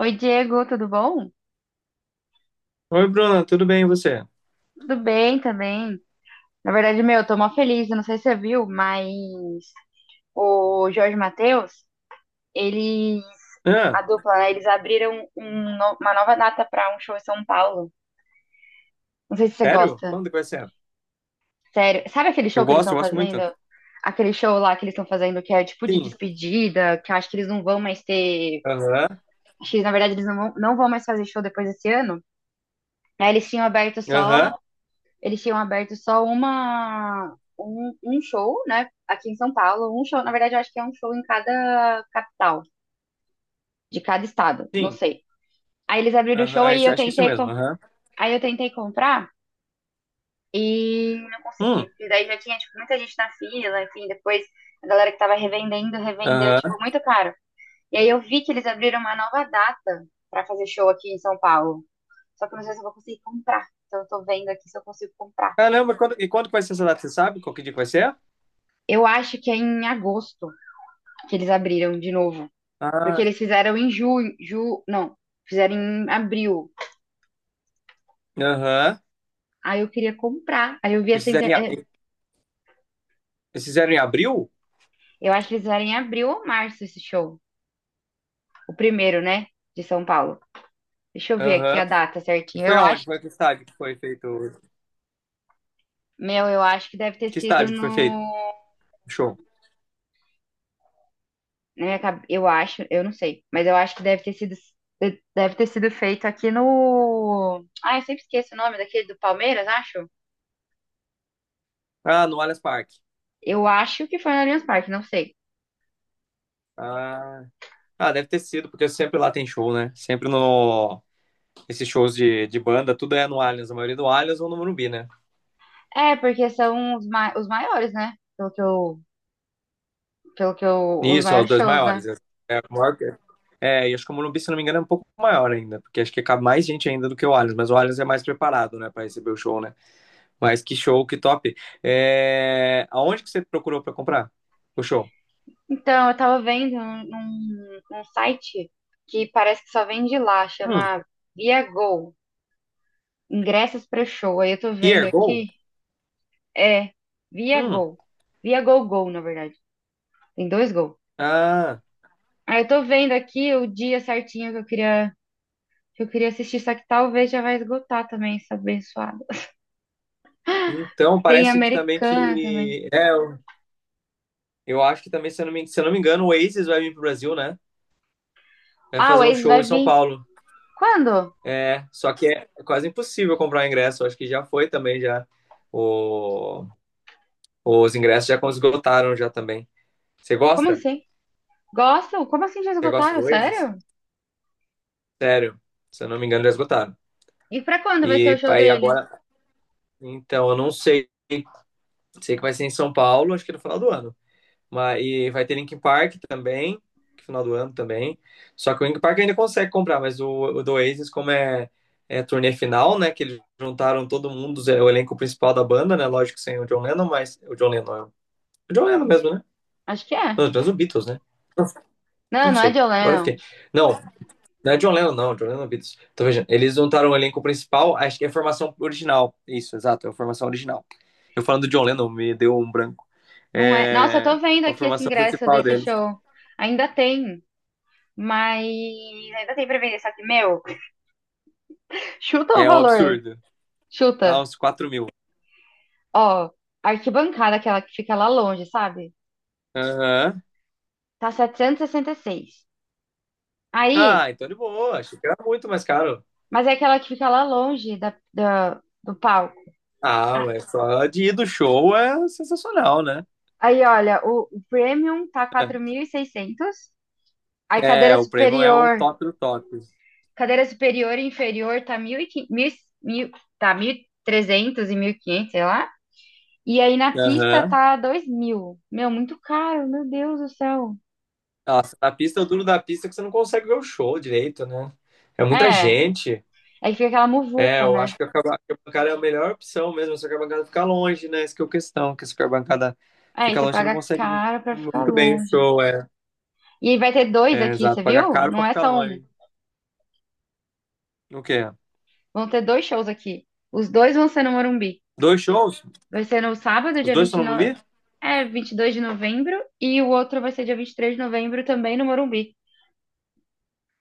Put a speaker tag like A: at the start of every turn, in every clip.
A: Oi, Diego, tudo bom?
B: Oi, Bruna, tudo bem e você?
A: Tudo bem também. Na verdade, meu, eu tô mó feliz, eu não sei se você viu, mas o Jorge Mateus, eles,
B: Ah,
A: a dupla, né, eles abriram uma nova data pra um show em São Paulo. Não sei se você
B: sério?
A: gosta.
B: Quando que vai ser?
A: Sério, sabe aquele
B: Eu
A: show que eles
B: gosto,
A: estão
B: eu gosto
A: fazendo?
B: muito.
A: Aquele show lá que eles estão fazendo que é tipo de
B: Sim.
A: despedida, que eu acho que eles não vão mais ter,
B: Aham.
A: acho que na verdade eles não vão mais fazer show depois desse ano. Aí eles tinham aberto
B: Aham.
A: só. Eles tinham aberto só um show, né? Aqui em São Paulo. Um show, na verdade, eu acho que é um show em cada capital, de cada estado, não
B: Sim.
A: sei. Aí eles abriram o
B: Aham.
A: show, aí
B: Acho que é isso mesmo. Aham.
A: aí eu tentei comprar e não consegui.
B: Hum.
A: E daí já tinha, tipo, muita gente na fila, enfim, depois a galera que tava revendendo, revendeu, tipo,
B: Aham.
A: muito caro. E aí eu vi que eles abriram uma nova data pra fazer show aqui em São Paulo. Só que eu não sei se eu vou conseguir comprar. Então eu tô vendo aqui se eu consigo comprar.
B: Caramba, quando que vai ser essa data? Você sabe qual que dia que vai ser?
A: Eu acho que é em agosto, que eles abriram de novo. Porque
B: Ah.
A: eles fizeram em não, fizeram em abril.
B: Aham.
A: Aí eu queria comprar. Aí eu vi
B: Eles fizeram em, a- eles fizeram em abril?
A: eu acho que eles fizeram em abril ou março esse show. O primeiro, né? De São Paulo. Deixa eu ver aqui a
B: Aham.
A: data
B: E
A: certinha.
B: foi
A: Eu
B: aonde?
A: acho,
B: Foi que estádio que foi feito?
A: meu, eu acho que deve ter
B: Que
A: sido
B: estádio que foi feito?
A: no.
B: O show.
A: Eu acho, eu não sei, mas eu acho que deve ter sido. Deve ter sido feito aqui no. Ah, eu sempre esqueço o nome daquele do Palmeiras, acho.
B: Ah, no Allianz Parque.
A: Eu acho que foi no Allianz Parque, não sei.
B: Ah. Ah, deve ter sido, porque sempre lá tem show, né? Sempre no, esses shows de banda, tudo é no Allianz, a maioria do Allianz ou no Morumbi, né?
A: É, porque são os maiores, né? Pelo que eu, os
B: Isso, é os
A: maiores
B: dois
A: shows,
B: maiores.
A: né?
B: É, é, e acho que o Morumbi, se não me engano, é um pouco maior ainda, porque acho que cabe mais gente ainda do que o Allianz, mas o Allianz é mais preparado, né, para receber o show, né? Mas que show, que top. É, aonde que você procurou para comprar o show?
A: Então, eu tava vendo um site que parece que só vende lá,
B: Hum,
A: chama ViaGo, ingressos para show. Aí eu tô vendo
B: Ergo?
A: aqui, é
B: Hum,
A: ViaGo, ViaGo Go, na verdade. Tem dois Go.
B: ah,
A: Aí eu tô vendo aqui o dia certinho que eu queria, que eu queria assistir, só que talvez já vai esgotar também essa abençoada.
B: então
A: Tem
B: parece que também
A: Americana também.
B: que... Eu acho que também, se eu não me, se eu não me engano, o Oasis vai vir pro Brasil, né? Vai
A: Ah, o
B: fazer um
A: Ace
B: show
A: vai
B: em São
A: vir.
B: Paulo.
A: Quando?
B: É, só que é quase impossível comprar ingresso. Acho que já foi também já. O- os ingressos já esgotaram já também. Você
A: Como
B: gosta?
A: assim? Gostam? Como assim já
B: Você gosta
A: esgotaram?
B: do Oasis?
A: Sério?
B: Sério, se eu não me engano, já esgotaram.
A: E pra quando vai ser o
B: E
A: show
B: aí
A: deles?
B: agora, então, eu não sei. Sei que vai ser em São Paulo, acho que no final do ano. Mas, e vai ter Linkin Park também, que final do ano também. Só que o Linkin Park ainda consegue comprar, mas o do Oasis, como é, é turnê final, né? Que eles juntaram todo mundo, é o elenco principal da banda, né? Lógico que sem o John Lennon, mas o John Lennon é o John Lennon mesmo, né?
A: Acho que é.
B: Não, mas o Beatles, né?
A: Não,
B: Não,
A: não é
B: sei.
A: John
B: Agora eu fiquei.
A: Lennon.
B: Não, não é John Lennon, não. John Lennon é Beatles. Então, veja, eles juntaram o elenco principal, acho que é a formação original. Isso, exato, é a formação original. Eu falando do John Lennon, me deu um branco.
A: Não é. Nossa, eu tô
B: É
A: vendo
B: a
A: aqui esse
B: formação
A: ingresso
B: principal
A: desse
B: deles.
A: show. Ainda tem, mas ainda tem pra vender. Só que, meu, chuta o
B: É um
A: valor.
B: absurdo. Ah,
A: Chuta.
B: uns 4 mil.
A: Ó, a arquibancada, aquela que fica lá longe, sabe?
B: Aham.
A: Tá setecentos e sessenta e seis. Aí,
B: Ah, então de boa. Achei que era muito mais caro.
A: mas é aquela que fica lá longe do palco.
B: Ah,
A: A-
B: mas só de ir do show é sensacional, né?
A: Aí, olha, o Premium tá 4.600. Aí,
B: É,
A: cadeira
B: o prêmio é o
A: superior.
B: top do top.
A: Cadeira superior e inferior tá 1.500, mil e quinhentos, mil, tá 1.300 e trezentos e mil e quinhentos, sei lá. E aí na pista
B: Aham.
A: tá 2.000. Meu, muito caro, meu Deus do céu.
B: Nossa, na pista, o duro da pista é que você não consegue ver o show direito, né? É muita
A: É,
B: gente.
A: aí fica aquela
B: É,
A: muvuca,
B: eu
A: né?
B: acho que a bancada é a melhor opção mesmo, só que a bancada fica longe, né? Essa que é a questão, que se a bancada
A: Aí
B: fica
A: você
B: longe, você não
A: paga
B: consegue
A: caro pra ficar
B: muito bem o
A: longe.
B: show, é.
A: E aí vai ter dois
B: É,
A: aqui, você
B: exato, pagar
A: viu?
B: caro
A: Não
B: pra
A: é
B: ficar
A: só um.
B: longe. O quê?
A: Vão ter dois shows aqui. Os dois vão ser no Morumbi.
B: Dois shows?
A: Vai ser no sábado,
B: Os
A: dia
B: dois estão no
A: 29,
B: Morumbi?
A: é, 22 de novembro. E o outro vai ser dia 23 de novembro também no Morumbi.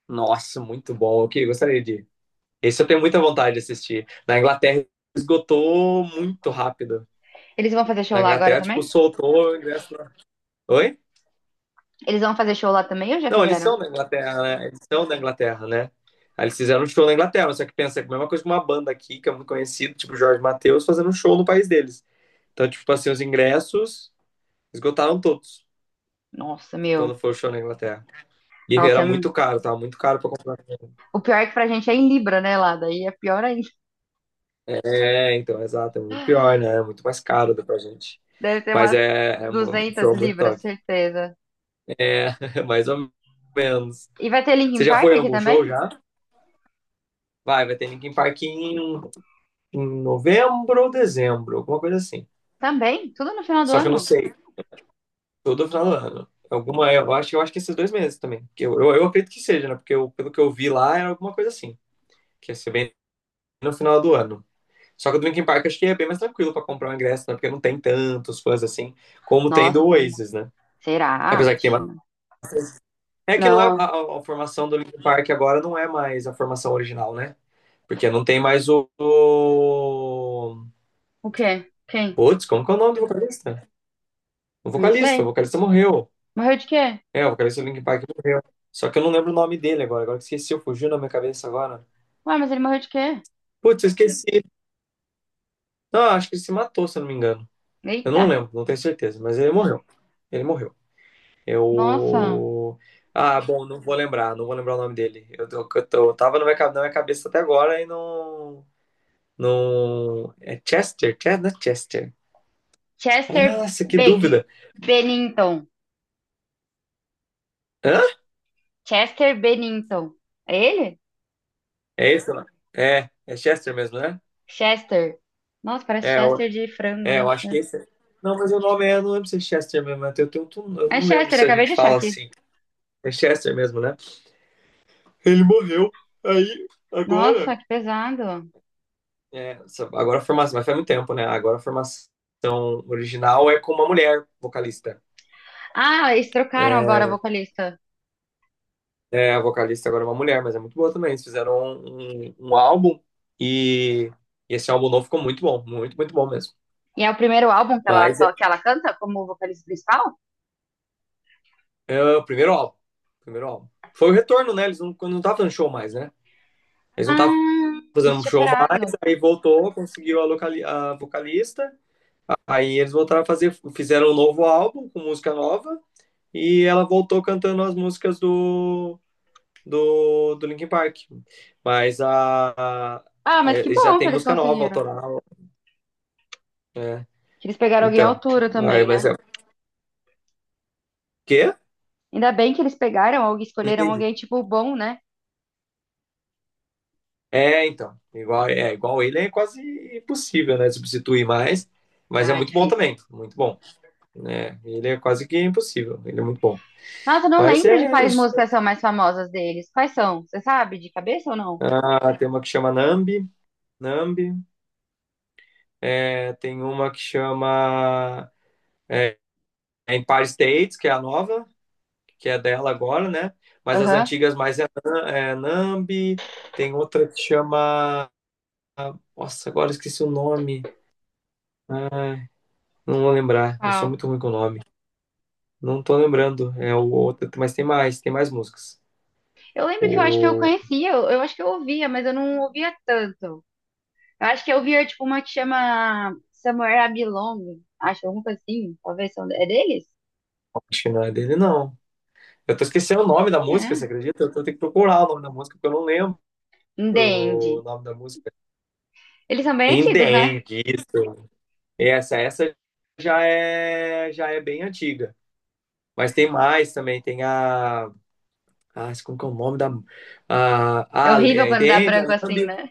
B: Nossa, muito bom. Ok, gostaria de. Esse eu tenho muita vontade de assistir. Na Inglaterra esgotou muito rápido.
A: Eles vão fazer show
B: Na
A: lá agora
B: Inglaterra, tipo,
A: também?
B: soltou o ingresso lá. Oi?
A: Eles vão fazer show lá também ou já
B: Não, eles
A: fizeram?
B: são da Inglaterra, né? Eles são da Inglaterra, né? Aí eles fizeram um show na Inglaterra, só que pensa que a mesma coisa que uma banda aqui, que é muito conhecida, tipo Jorge Mateus, fazendo um show no país deles. Então, tipo assim, os ingressos esgotaram todos
A: Nossa, meu.
B: quando foi o show na Inglaterra. E
A: Nossa,
B: era
A: é,
B: muito caro, tava muito caro pra comprar.
A: o pior é que pra gente é em Libra, né, lá? Daí é pior ainda.
B: É, então, exato, é muito pior, né? É muito mais caro do que pra gente.
A: Deve ter
B: Mas
A: umas
B: é um
A: duzentas
B: show muito
A: libras,
B: top.
A: certeza.
B: Mais ou menos.
A: E vai ter
B: Você
A: Linkin
B: já
A: Park
B: foi em
A: aqui
B: algum
A: também?
B: show já? Vai ter Linkin Park em, em novembro ou dezembro, alguma coisa assim.
A: Também? Tudo no final do
B: Só que eu não
A: ano?
B: sei. Todo final do ano. Alguma, eu acho que esses dois meses também. Que eu acredito que seja, né? Pelo que eu vi lá, era alguma coisa assim. Que ia ser bem no final do ano. Só que o do Linkin Park acho que é bem mais tranquilo pra comprar um ingresso, né? Porque não tem tantos fãs assim como tem
A: Nossa,
B: do
A: tem uma,
B: Oasis, né?
A: será?
B: Apesar que tem.
A: Acho que não.
B: É que não
A: Não,
B: é a,
A: ó.
B: a- a formação do Linkin Park agora não é mais a formação original, né? Porque não tem mais o.
A: O quê? Quem?
B: Putz, como que é o nome do vocalista? O
A: Não
B: vocalista,
A: sei.
B: o vocalista morreu.
A: Morreu de quê?
B: É, o vocalista do Linkin Park morreu. Só que eu não lembro o nome dele agora. Agora que esqueci, fugiu na minha cabeça agora.
A: Ué, mas ele morreu de quê?
B: Putz, eu esqueci. Não, acho que ele se matou, se eu não me engano. Eu
A: Eita.
B: não lembro, não tenho certeza, mas ele morreu. Ele morreu.
A: Nossa.
B: Eu. Ah, bom, não vou lembrar, não vou lembrar o nome dele. Eu tava na minha, na minha cabeça até agora e não. No é Chester, Chester, não é Chester.
A: Chester
B: Nossa, que
A: Beg...
B: dúvida.
A: Bennington.
B: Hã?
A: Chester Bennington. É ele?
B: É esse lá? É, é Chester mesmo, né?
A: Chester. Nossa, parece
B: É, eu,
A: Chester de frango,
B: é,
A: né?
B: eu acho que
A: Chester.
B: esse. Não, mas o nome é, eu não lembro se é Chester mesmo, né? Eu
A: Mas
B: não lembro
A: Chester,
B: se a
A: acabei de
B: gente
A: achar
B: fala
A: aqui.
B: assim. É Chester mesmo, né? Ele morreu. Aí, agora.
A: Nossa, que pesado.
B: Agora a formação, mas faz muito tempo, né? Agora a formação original é com uma mulher vocalista.
A: Ah, eles trocaram
B: É,
A: agora a vocalista.
B: é, a vocalista agora é uma mulher, mas é muito boa também. Eles fizeram um álbum e, e esse álbum novo ficou muito bom, muito, muito bom mesmo.
A: E é o primeiro álbum que ela
B: Mas é,
A: que ela canta como vocalista principal?
B: é o primeiro álbum, primeiro álbum. Foi o retorno, né? Eles não, quando não estavam fazendo show mais, né? Eles não
A: Ah,
B: estavam
A: eles
B: fazendo
A: tinham
B: show mais,
A: parado.
B: aí voltou, conseguiu a, a vocalista, aí eles voltaram a fazer, fizeram um novo álbum com música nova e ela voltou cantando as músicas do Linkin Park. Mas a-
A: Ah, mas que
B: eles já
A: bom que
B: tem
A: eles
B: música nova,
A: conseguiram.
B: autoral. É,
A: Que eles pegaram alguém à
B: então.
A: altura
B: Aí,
A: também, né?
B: mas é o quê?
A: Ainda bem que eles pegaram ou
B: Não
A: escolheram
B: entendi.
A: alguém, tipo, bom, né?
B: É, então. Igual, é, igual ele é quase impossível, né? Substituir mais. Mas é
A: Ah,
B: muito bom
A: difícil.
B: também. Muito bom. Né, ele é quase que impossível. Ele é muito bom.
A: Nossa, eu não
B: Mas
A: lembro de
B: é
A: quais
B: isso.
A: músicas são mais famosas deles. Quais são? Você sabe de cabeça ou não?
B: Ah, tem uma que chama Nambi. Nambi. É, tem uma que chama é, Empire States, que é a nova, que é dela agora, né? Mas as
A: Aham.
B: antigas mais é, é Nambi. Tem outra que chama. Nossa, agora eu esqueci o nome. ah, Não vou lembrar, eu sou
A: Qual?
B: muito ruim com o nome. Não tô lembrando, é o outro, mas tem mais músicas.
A: Eu lembro que eu acho que eu
B: O
A: conhecia, eu acho que eu ouvia, mas eu não ouvia tanto. Eu acho que eu ouvia, tipo, uma que chama Somewhere I Belong, acho, alguma coisa assim, talvez, são, é deles?
B: acho que não é dele, não. Eu tô esquecendo o nome da
A: Quem
B: música,
A: é?
B: você acredita? Eu tô tendo que procurar o nome da música, porque eu não lembro
A: In The End.
B: o nome da música.
A: Eles são bem
B: In the
A: antigos, né?
B: End, isso. Essa já é bem antiga. Mas tem mais também, tem a... Ah, como que é o nome da...
A: É
B: Ah,
A: horrível
B: é In
A: quando
B: the
A: dá
B: End, a
A: branco assim,
B: Numb,
A: né?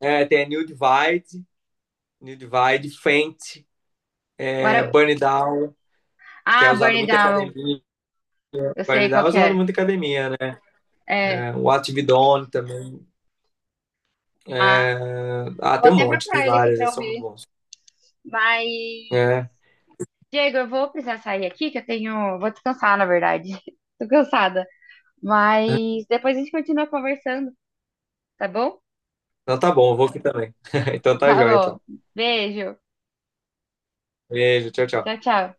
B: é, tem a New Divide, New Divide, Faint,
A: What
B: é,
A: a-
B: Burn It Down, que é
A: Ah, Burn
B: usado
A: It
B: muito em
A: Down,
B: academia,
A: eu sei qual
B: Guarnidal é
A: que
B: usado
A: é.
B: muito em academia,
A: É,
B: né? O Atividone também.
A: ah,
B: É... Ah,
A: vou
B: tem um
A: até
B: monte, tem
A: procurar ele aqui
B: vários,
A: pra
B: eles são muito
A: ouvir,
B: bons.
A: mas...
B: É.
A: Diego, eu vou precisar sair aqui, que eu tenho... Vou descansar, na verdade. Tô cansada. Mas depois a gente continua conversando, tá bom?
B: Então tá bom, eu vou aqui também. Então tá
A: Tá
B: joia,
A: bom.
B: então.
A: Beijo.
B: Beijo, tchau,
A: Tchau,
B: tchau.
A: tchau.